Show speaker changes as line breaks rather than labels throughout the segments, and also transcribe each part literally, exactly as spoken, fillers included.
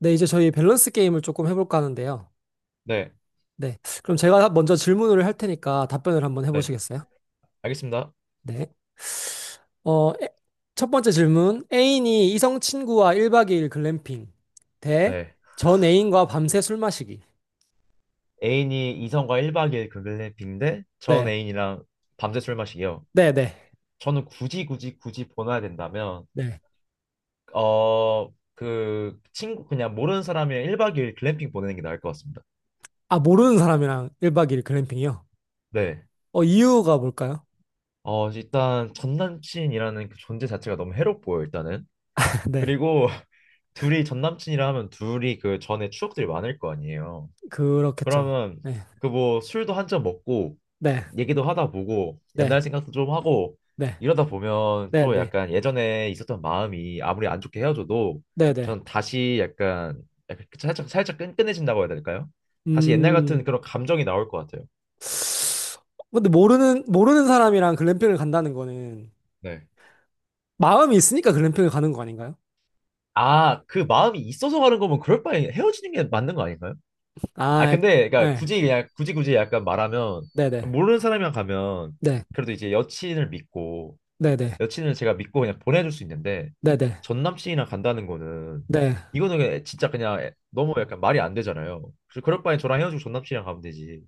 네, 이제 저희 밸런스 게임을 조금 해볼까 하는데요.
네,
네. 그럼 제가 먼저 질문을 할 테니까 답변을 한번
네,
해보시겠어요?
알겠습니다.
네. 어, 에- 첫 번째 질문. 애인이 이성 친구와 일 박 이 일 글램핑 대
네.
전 애인과 밤새 술 마시기.
애인이 이성과 일 박 이 일 글램핑인데 전
네.
애인이랑 밤새 술 마시기요.
네, 네.
저는 굳이 굳이 굳이 보내야 된다면
네.
어, 그 친구 그냥 모르는 사람이랑 일 박 이 일 글램핑 보내는 게 나을 것 같습니다.
아, 모르는 사람이랑 일 박 이 일 글램핑이요?
네.
어, 이유가 뭘까요?
어, 일단 전 남친이라는 그 존재 자체가 너무 해롭고요, 일단은.
네.
그리고 둘이 전 남친이라 하면 둘이 그 전에 추억들이 많을 거 아니에요.
그렇겠죠.
그러면
네.
그 뭐 술도 한 잔 먹고
네.
얘기도 하다 보고
네.
옛날 생각도 좀 하고
네.
이러다 보면
네.
또
네.
약간 예전에 있었던 마음이 아무리 안 좋게 헤어져도
네. 네.
전 다시 약간, 약간 그 살짝 살짝 끈끈해진다고 해야 될까요? 다시 옛날 같은
음.
그런 감정이 나올 것 같아요.
근데 모르는, 모르는 사람이랑 글램핑을 간다는 거는
네.
마음이 있으니까 글램핑을 가는 거 아닌가요?
아, 그 마음이 있어서 가는 거면 그럴 바에 헤어지는 게 맞는 거 아닌가요? 아,
아,
근데 그러니까
예.
굳이 그냥 굳이 굳이 약간 말하면
네네.
모르는 사람이랑 가면
네.
그래도 이제 여친을 믿고
네네.
여친을 제가 믿고 그냥 보내줄 수 있는데
네네.
전 남친이랑 간다는 거는
네.
이거는 그냥 진짜 그냥 애- 너무 약간 말이 안 되잖아요. 그래서 그럴 바엔 저랑 헤어지고 전 남친이랑 가면 되지.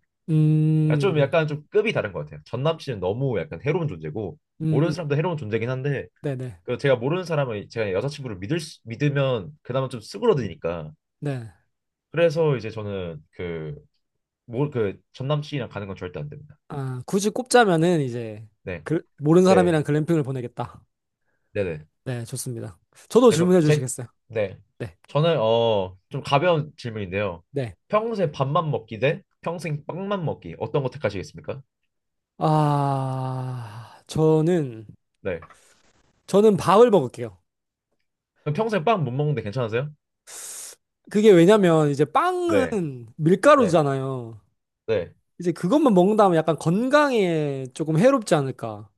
아, 좀
음,
약간 좀 급이 다른 것 같아요. 전 남친은 너무 약간 해로운 존재고
음,
모르는
음.
사람도 해로운 존재긴 한데
네네.
그 제가 모르는 사람을 제가 여자친구를 믿을 수- 믿으면 그나마 좀 수그러드니까
네.
그래서 이제 저는 그 뭐 그 전 남친이랑 가는 건 절대 안 됩니다.
아, 굳이 꼽자면은 이제
네,
글, 모르는
네,
사람이랑 글램핑을 보내겠다.
네, 네.
네, 좋습니다. 저도
내가
질문해
제,
주시겠어요?
네.
네.
저는, 어, 좀 가벼운 질문인데요.
네.
평생 밥만 먹기 대 평생 빵만 먹기. 어떤 거 택하시겠습니까?
아, 저는,
네.
저는 밥을 먹을게요.
그럼 평생 빵 못 먹는데 괜찮으세요?
그게 왜냐면 이제
네.
빵은
네.
밀가루잖아요.
네.
이제 그것만 먹는다면 약간 건강에 조금 해롭지 않을까.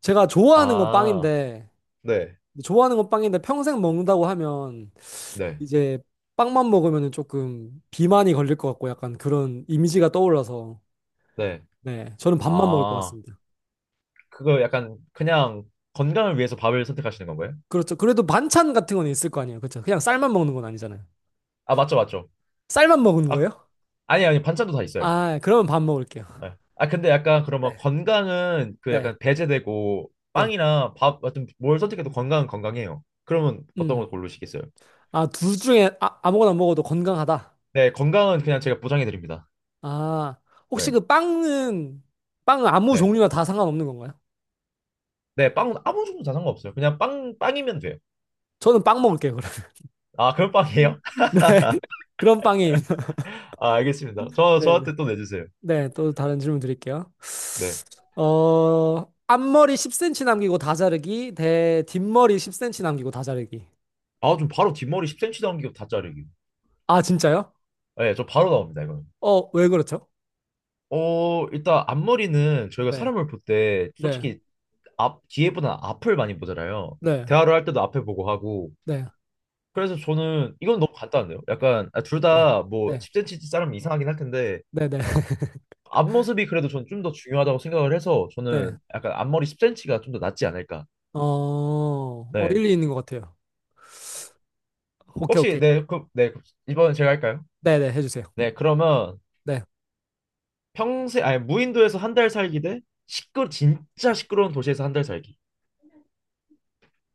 제가 좋아하는 건
아,
빵인데,
네.
좋아하는 건 빵인데 평생 먹는다고 하면
네.
이제 빵만 먹으면 조금 비만이 걸릴 것 같고 약간 그런 이미지가 떠올라서
네.
네, 저는 밥만 먹을 것
아,
같습니다.
그거 약간 그냥 건강을 위해서 밥을 선택하시는 건가요?
그렇죠. 그래도 반찬 같은 건 있을 거 아니에요. 그렇죠. 그냥 쌀만 먹는 건 아니잖아요.
아, 맞죠, 맞죠.
쌀만 먹은
아,
거예요?
아니, 아니, 반찬도 다 있어요.
아, 그러면 밥 먹을게요.
네. 아 근데 약간 그러면
네,
건강은 그
네,
약간 배제되고
네.
빵이나 밥 같은 뭘 선택해도 건강은 건강해요. 그러면 어떤
음.
걸 고르시겠어요?
아, 둘 중에 아, 아무거나 먹어도 건강하다.
네, 건강은 그냥 제가 보장해 드립니다.
아, 혹시
네,
그 빵은, 빵은 아무
네,
종류나 다 상관없는 건가요?
네, 빵은 아무 종류 다 상관없어요. 그냥 빵 빵이면 돼요.
저는 빵 먹을게요, 그럼.
아 그럼 빵이에요?
네. 그런 빵이에요.
아 알겠습니다. 저
네 네. 네,
저한테 또 내주세요.
네, 네, 또 다른 질문 드릴게요.
네.
어, 앞머리 십 센티미터 남기고 다 자르기, 대 뒷머리 십 센티미터 남기고 다 자르기.
아 좀 바로 뒷머리 십 센티미터 남기고 다 자르기.
아, 진짜요?
네, 저 바로 나옵니다 이거는.
어, 왜 그렇죠?
어 일단 앞머리는 저희가
네,
사람을 볼 때
네,
솔직히 앞 뒤에보다 앞을 많이 보잖아요.
네,
대화를 할 때도 앞에 보고 하고
네,
그래서 저는 이건 너무 간단한데요. 약간 아, 둘
네,
다 뭐
네,
십 센티미터 자르면 이상하긴 할 텐데
네, 네,
앞모습이 그래도 저는 좀 더 중요하다고 생각을 해서
네.
저는 약간 앞머리 십 센티가 좀 더 낫지 않을까.
어, 어,
네.
일리 있는 것 같아요. 오케이,
혹시
오케이.
네, 그, 네, 그- 이번엔 제가 할까요?
네네, 해주세요.
네, 그러면
네.
평생 아니 무인도에서 한 달 살기 대 시끄러 진짜 시끄러운 도시에서 한 달 살기.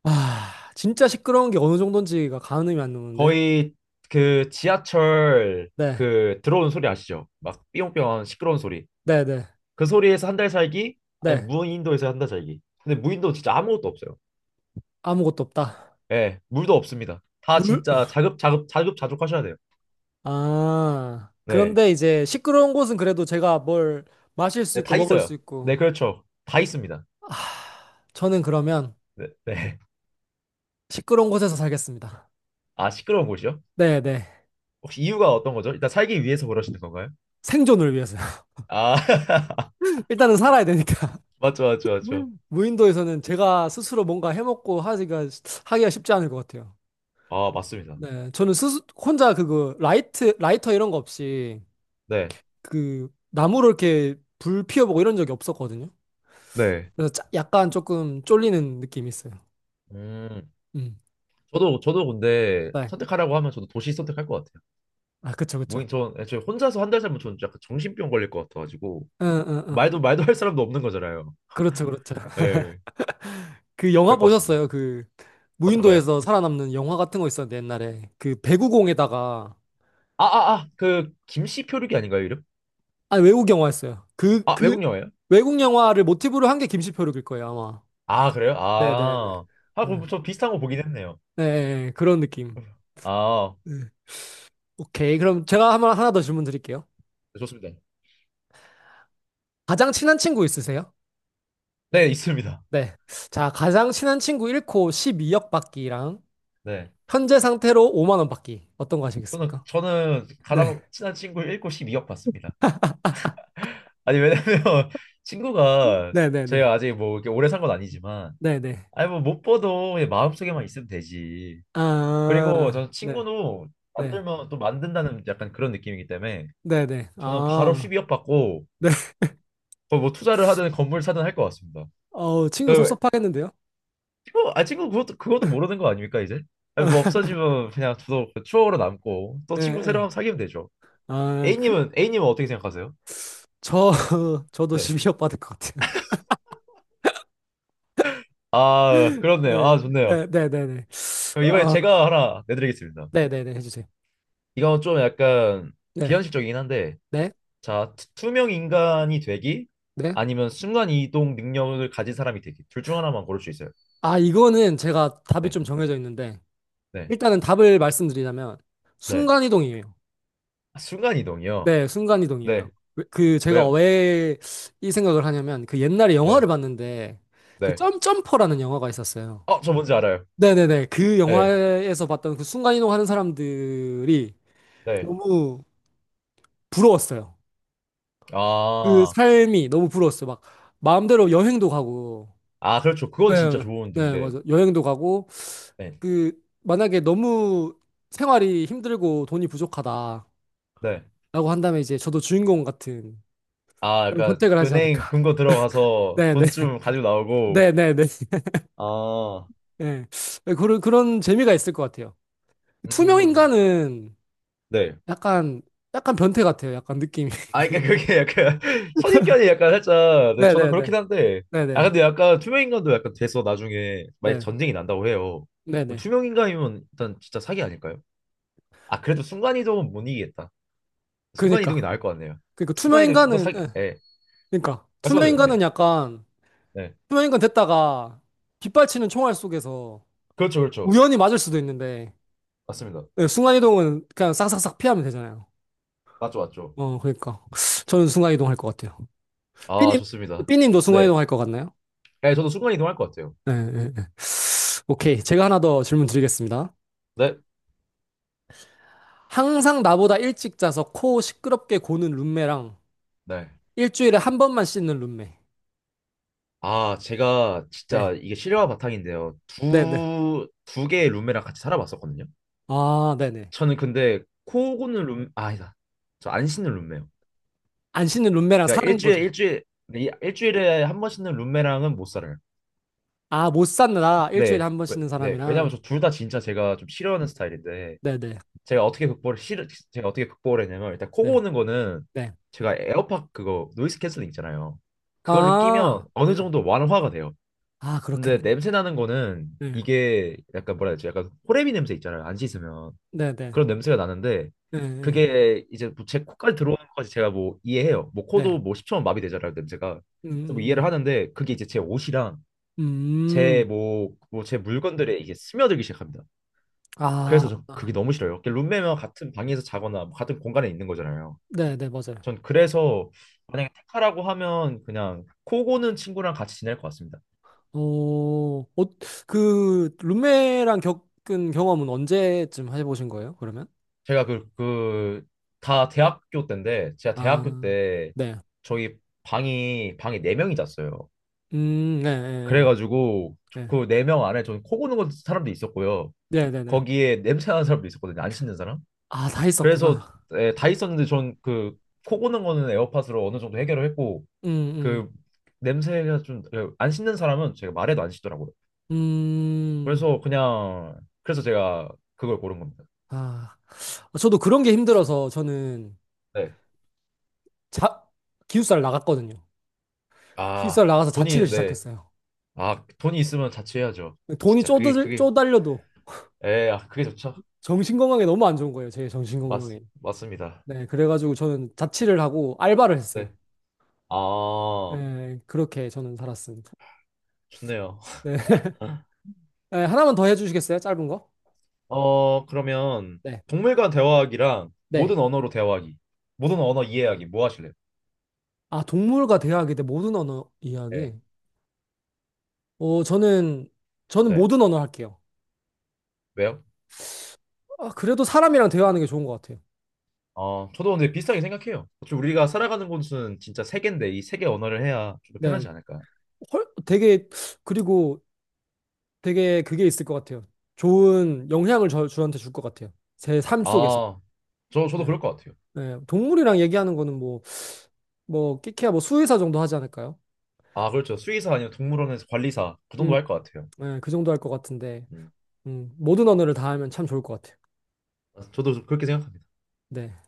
아, 진짜 시끄러운 게 어느 정도인지가 가늠이 안 오는데.
거의 그 지하철
네,
그 들어오는 소리 아시죠? 막 삐용삐용 하는 시끄러운 소리.
네, 네,
그 소리에서 한 달 살기 아니
네.
무인도에서 한 달 살기. 근데 무인도 진짜 아무것도 없어요.
아무것도 없다.
예, 물도 없습니다. 다
물?
진짜 자급, 자급, 자급자족 하셔야 돼요.
아,
네.
그런데 이제 시끄러운 곳은 그래도 제가 뭘 마실 수
네,
있고
다
먹을 수
있어요.
있고.
네, 그렇죠. 다 있습니다.
아, 저는 그러면
네, 네.
시끄러운 곳에서 살겠습니다.
아, 시끄러운 곳이요?
네, 네.
혹시 이유가 어떤 거죠? 일단 살기 위해서 그러시는 건가요?
생존을 위해서.
아,
일단은 살아야 되니까.
맞죠, 맞죠, 맞죠.
무인도에서는 제가 스스로 뭔가 해먹고 하기가, 하기가 쉽지 않을 것 같아요.
아, 맞습니다.
네, 저는 스스, 혼자 그거 라이트, 라이터 이런 거 없이
네,
그 나무로 이렇게 불 피워보고 이런 적이 없었거든요.
네.
그래서 짜- 약간 조금 쫄리는 느낌이 있어요.
음,
음,
저도, 저도 근데
네.
선택하라고 하면 저도 도시 선택할 것 같아요.
아, 그쵸, 그쵸.
뭐, 전, 애초에 혼자서 한 달 살면 저는 약간 정신병 걸릴 것 같아가지고,
응, 응, 응.
말도, 말도 할 사람도 없는 거잖아요.
그렇죠, 그렇죠.
예,
그 영화
그럴 것 같습니다.
보셨어요? 그
어떤가요?
무인도에서 살아남는 영화 같은 거 있었는데 옛날에 그 배구공에다가
아, 아, 아, 그, 김씨 표류기 아닌가요, 이름?
아, 외국 영화였어요. 그
아,
그
외국 영화예요?
외국 영화를 모티브로 한 게 김시표룩일 거예요 아마.
아, 그래요?
네네네.
아. 아,
네,
그럼 저 비슷한 거 보긴 했네요.
예, 예, 예. 그런 느낌.
아,
네. 오케이. 그럼 제가 한번 하나 더 질문 드릴게요.
네, 좋습니다.
가장 친한 친구 있으세요?
네, 있습니다.
네. 자, 가장 친한 친구 한 코 십이 억 받기랑
네.
현재 상태로 오만 원 받기. 어떤 거
저는,
하시겠습니까?
저는
네.
가장 친한 친구 일 곱 십이 억 봤습니다. 아니, 왜냐면 친구가
네, 네, 네.
제가 아직 뭐 이렇게 오래 산 건 아니지만,
네, 네.
아니, 뭐 못 봐도 그냥 마음속에만 있으면 되지. 그리고
아,
저는
네.
친구도
네.
만들면 또 만든다는 약간 그런 느낌이기 때문에
네, 네.
저는 바로
아.
십이 억 받고
네.
거의 뭐 투자를 하든 건물 사든 할 것 같습니다.
어우, 친구
그
섭섭하겠는데요?
친구 아 친구 그것도 그것도 모르는 거 아닙니까 이제? 아니 뭐 없어지면 그냥 더 추억으로 남고 또
예,
친구 새로
예.
운 사귀면 되죠.
아, 그
A님은 A님은 어떻게 생각하세요?
저 저도
네.
십이 억 받을 것 같아요.
아 그렇네요. 아
네,
좋네요.
네, 네, 네, 네.
그럼 이번에
어,
제가 하나 내드리겠습니다.
네, 네, 네, 해주세요.
이건 좀 약간
네,
비현실적이긴 한데
네,
자 투- 투명 인간이 되기
네.
아니면 순간 이동 능력을 가진 사람이 되기 둘 중 하나만 고를 수 있어요.
아, 이거는 제가 답이
네.
좀 정해져 있는데,
네.
일단은 답을 말씀드리자면
네.
순간이동이에요.
아, 순간 이동이요.
네, 순간이동이에요.
네.
왜- 그 제가
왜요?
왜 이 생각을 하냐면 그 옛날에 영화를
네.
봤는데 그
네.
점점퍼라는 영화가 있었어요.
어, 저 뭔지 알아요.
네네네. 그
네.
영화에서 봤던 그 순간이동하는 사람들이
네.
너무 부러웠어요. 그
아.
삶이 너무 부러웠어요. 막 마음대로 여행도 가고.
아, 그렇죠. 그건 진짜
네,
좋은
네,
등대.
맞아. 여행도 가고
네.
그 만약에 너무 생활이 힘들고 돈이 부족하다.
네.
라고 한다면 이제 저도 주인공 같은
아,
그런
그러니까
선택을 하지
은행
않을까.
금고 들어가서
네네.
돈 좀 가지고 나오고.
네네네. 네. 네,
아,
네. 네. 네, 그런, 그런 재미가 있을 것 같아요. 투명
음.
인간은
네.
약간, 약간 변태 같아요. 약간 느낌이.
아, 그러니까 그게 약간 선입견이 약간 살짝. 네, 저도 그렇긴
네네네.
한데. 아,
네네.
근데 약간 투명인간도 약간 돼서 나중에 만약
네.
전쟁이 난다고 해요. 뭐
네네.
투명인간이면 일단 진짜 사기 아닐까요? 아, 그래도 순간이동은 못 이기겠다. 순간이동이
그니까.
나을 것 같네요.
그니까 투명
순간이동이 좀 더
인간은,
사기.
예.
예.
그니까. 투명
말씀하세요. 네.
인간은 약간,
네.
투명 인간 됐다가 빗발치는 총알 속에서
그렇죠, 그렇죠.
우연히 맞을 수도 있는데,
맞습니다.
예, 순간이동은 그냥 싹싹싹 피하면 되잖아요.
맞죠, 맞죠.
어, 그니까. 저는 순간이동 할 것 같아요.
아,
삐님,
좋습니다.
삐님도
네.
순간이동 할 것 같나요?
네, 저도 순간 이동할 것 같아요.
네, 네. 오케이. 제가 하나 더 질문 드리겠습니다.
네.
항상 나보다 일찍 자서 코 시끄럽게 고는 룸메랑
네.
일주일에 한 번만 씻는 룸메.
아, 제가 진짜
네.
이게 실화 바탕인데요.
네네.
두, 두 개의 룸메랑 같이 살아봤었거든요.
아, 네네.
저는 근데 코 고는 룸, 아, 아니다. 저 안 씻는 룸메요.
안 씻는 룸메랑
그러니까
사는
일주일에,
거죠.
일주일, 이- 일주일에 한 번 씻는 룸메랑은 못 살아요.
아, 못 산다. 일주일에
네.
한 번
왜-
씻는
네. 왜냐면
사람이랑.
저 둘 다 진짜 제가 좀 싫어하는 스타일인데,
네네.
제가 어떻게 극복을 실 제가 어떻게 극복을 했냐면 일단 코
네.
고는 거는
네.
제가 에어팟 그거 노이즈 캔슬링 있잖아요. 그거를 끼면
아,
어느
네.
정도 완화가 돼요.
아,
근데
그렇겠네.
냄새 나는 거는
네.
이게 약간 뭐라 해야 되지? 약간 호레미 냄새 있잖아요. 안 씻으면
네네.
그런 냄새가 나는데
네. 네. 네.
그게 이제 뭐제 코까지 들어오는 것까지 제가 뭐 이해해요. 뭐
네.
코도 뭐 십 초만 마비되잖아요. 냄새가.
음,
그래서 뭐 이해를
음,
하는데 그게 이제
음.
제 옷이랑
음,
제
음.
뭐 뭐 제 물건들에 이게 스며들기 시작합니다.
아,
그래서 저
아.
그게 너무 싫어요. 이렇게 룸메와 같은 방에서 자거나 뭐 같은 공간에 있는 거잖아요.
네네. 맞아요.
전 그래서 만약에 택하라고 하면 그냥 코고는 친구랑 같이 지낼 것 같습니다.
어, 어, 그, 룸메랑 겪은 경험은 언제쯤 해보신 거예요, 그러면?
제가 그 그 다 대학교 때인데 제가 대학교
아,
때
네.
저희 방이 방에 네 명이 잤어요.
음, 네, 네,
그래가지고
네,
그 네 명 안에 저는 코 고는 사람도 있었고요.
네, 네. 네.
거기에 냄새 나는 사람도 있었거든요. 안 씻는 사람.
아, 다
그래서
있었구나.
예, 다 있었는데 전 그 코 고는 거는 에어팟으로 어느 정도 해결을 했고
음,
그
음,
냄새가 좀 안 씻는 사람은 제가 말해도 안 씻더라고요.
음,
그래서 그냥 그래서 제가 그걸 고른 겁니다.
아. 저도 그런 게 힘들어서 저는
네.
자, 기숙사를 나갔거든요.
아,
기숙사를 나가서 자취를
돈이 네.
시작했어요.
아, 돈이 있으면 자취해야죠.
돈이
진짜 그게
쪼들,
그게
쪼달려도
에, 아, 그게 좋죠.
정신건강에 너무 안 좋은 거예요, 제
맞
정신건강에.
맞습니다.
네, 그래가지고 저는 자취를 하고 알바를 했어요.
네. 아,
네, 그렇게 저는 살았습니다.
좋네요.
네. 네, 하나만 더 해주시겠어요? 짧은 거?
어, 그러면
네.
동물과 대화하기랑
네.
모든 언어로 대화하기. 모든 언어 이해하기 뭐 하실래요?
아, 동물과 대화하기 대 모든 언어 이야기.
네.
어, 저는, 저는
네.
모든 언어 할게요.
왜요?
아, 그래도 사람이랑 대화하는 게 좋은 것 같아요.
어, 저도 근데 비슷하게 생각해요. 어차피 우리가 살아가는 곳은 진짜 세계인데 이 세계 언어를 해야 좀 더
네.
편하지 않을까요?
헐, 되게, 그리고 되게 그게 있을 것 같아요. 좋은 영향을 저, 저한테 줄 것 같아요. 제 삶 속에서.
아, 저, 저도
네.
그럴 것 같아요.
네. 동물이랑 얘기하는 거는 뭐, 뭐, 끼키야 뭐 수의사 정도 하지 않을까요?
아, 그렇죠. 수의사 아니면 동물원에서 관리사 그 정도
음,
할 것 같아요.
네, 그 정도 할 것 같은데,
음,
음, 모든 언어를 다 하면 참 좋을 것 같아요.
저도 그렇게 생각합니다.
네.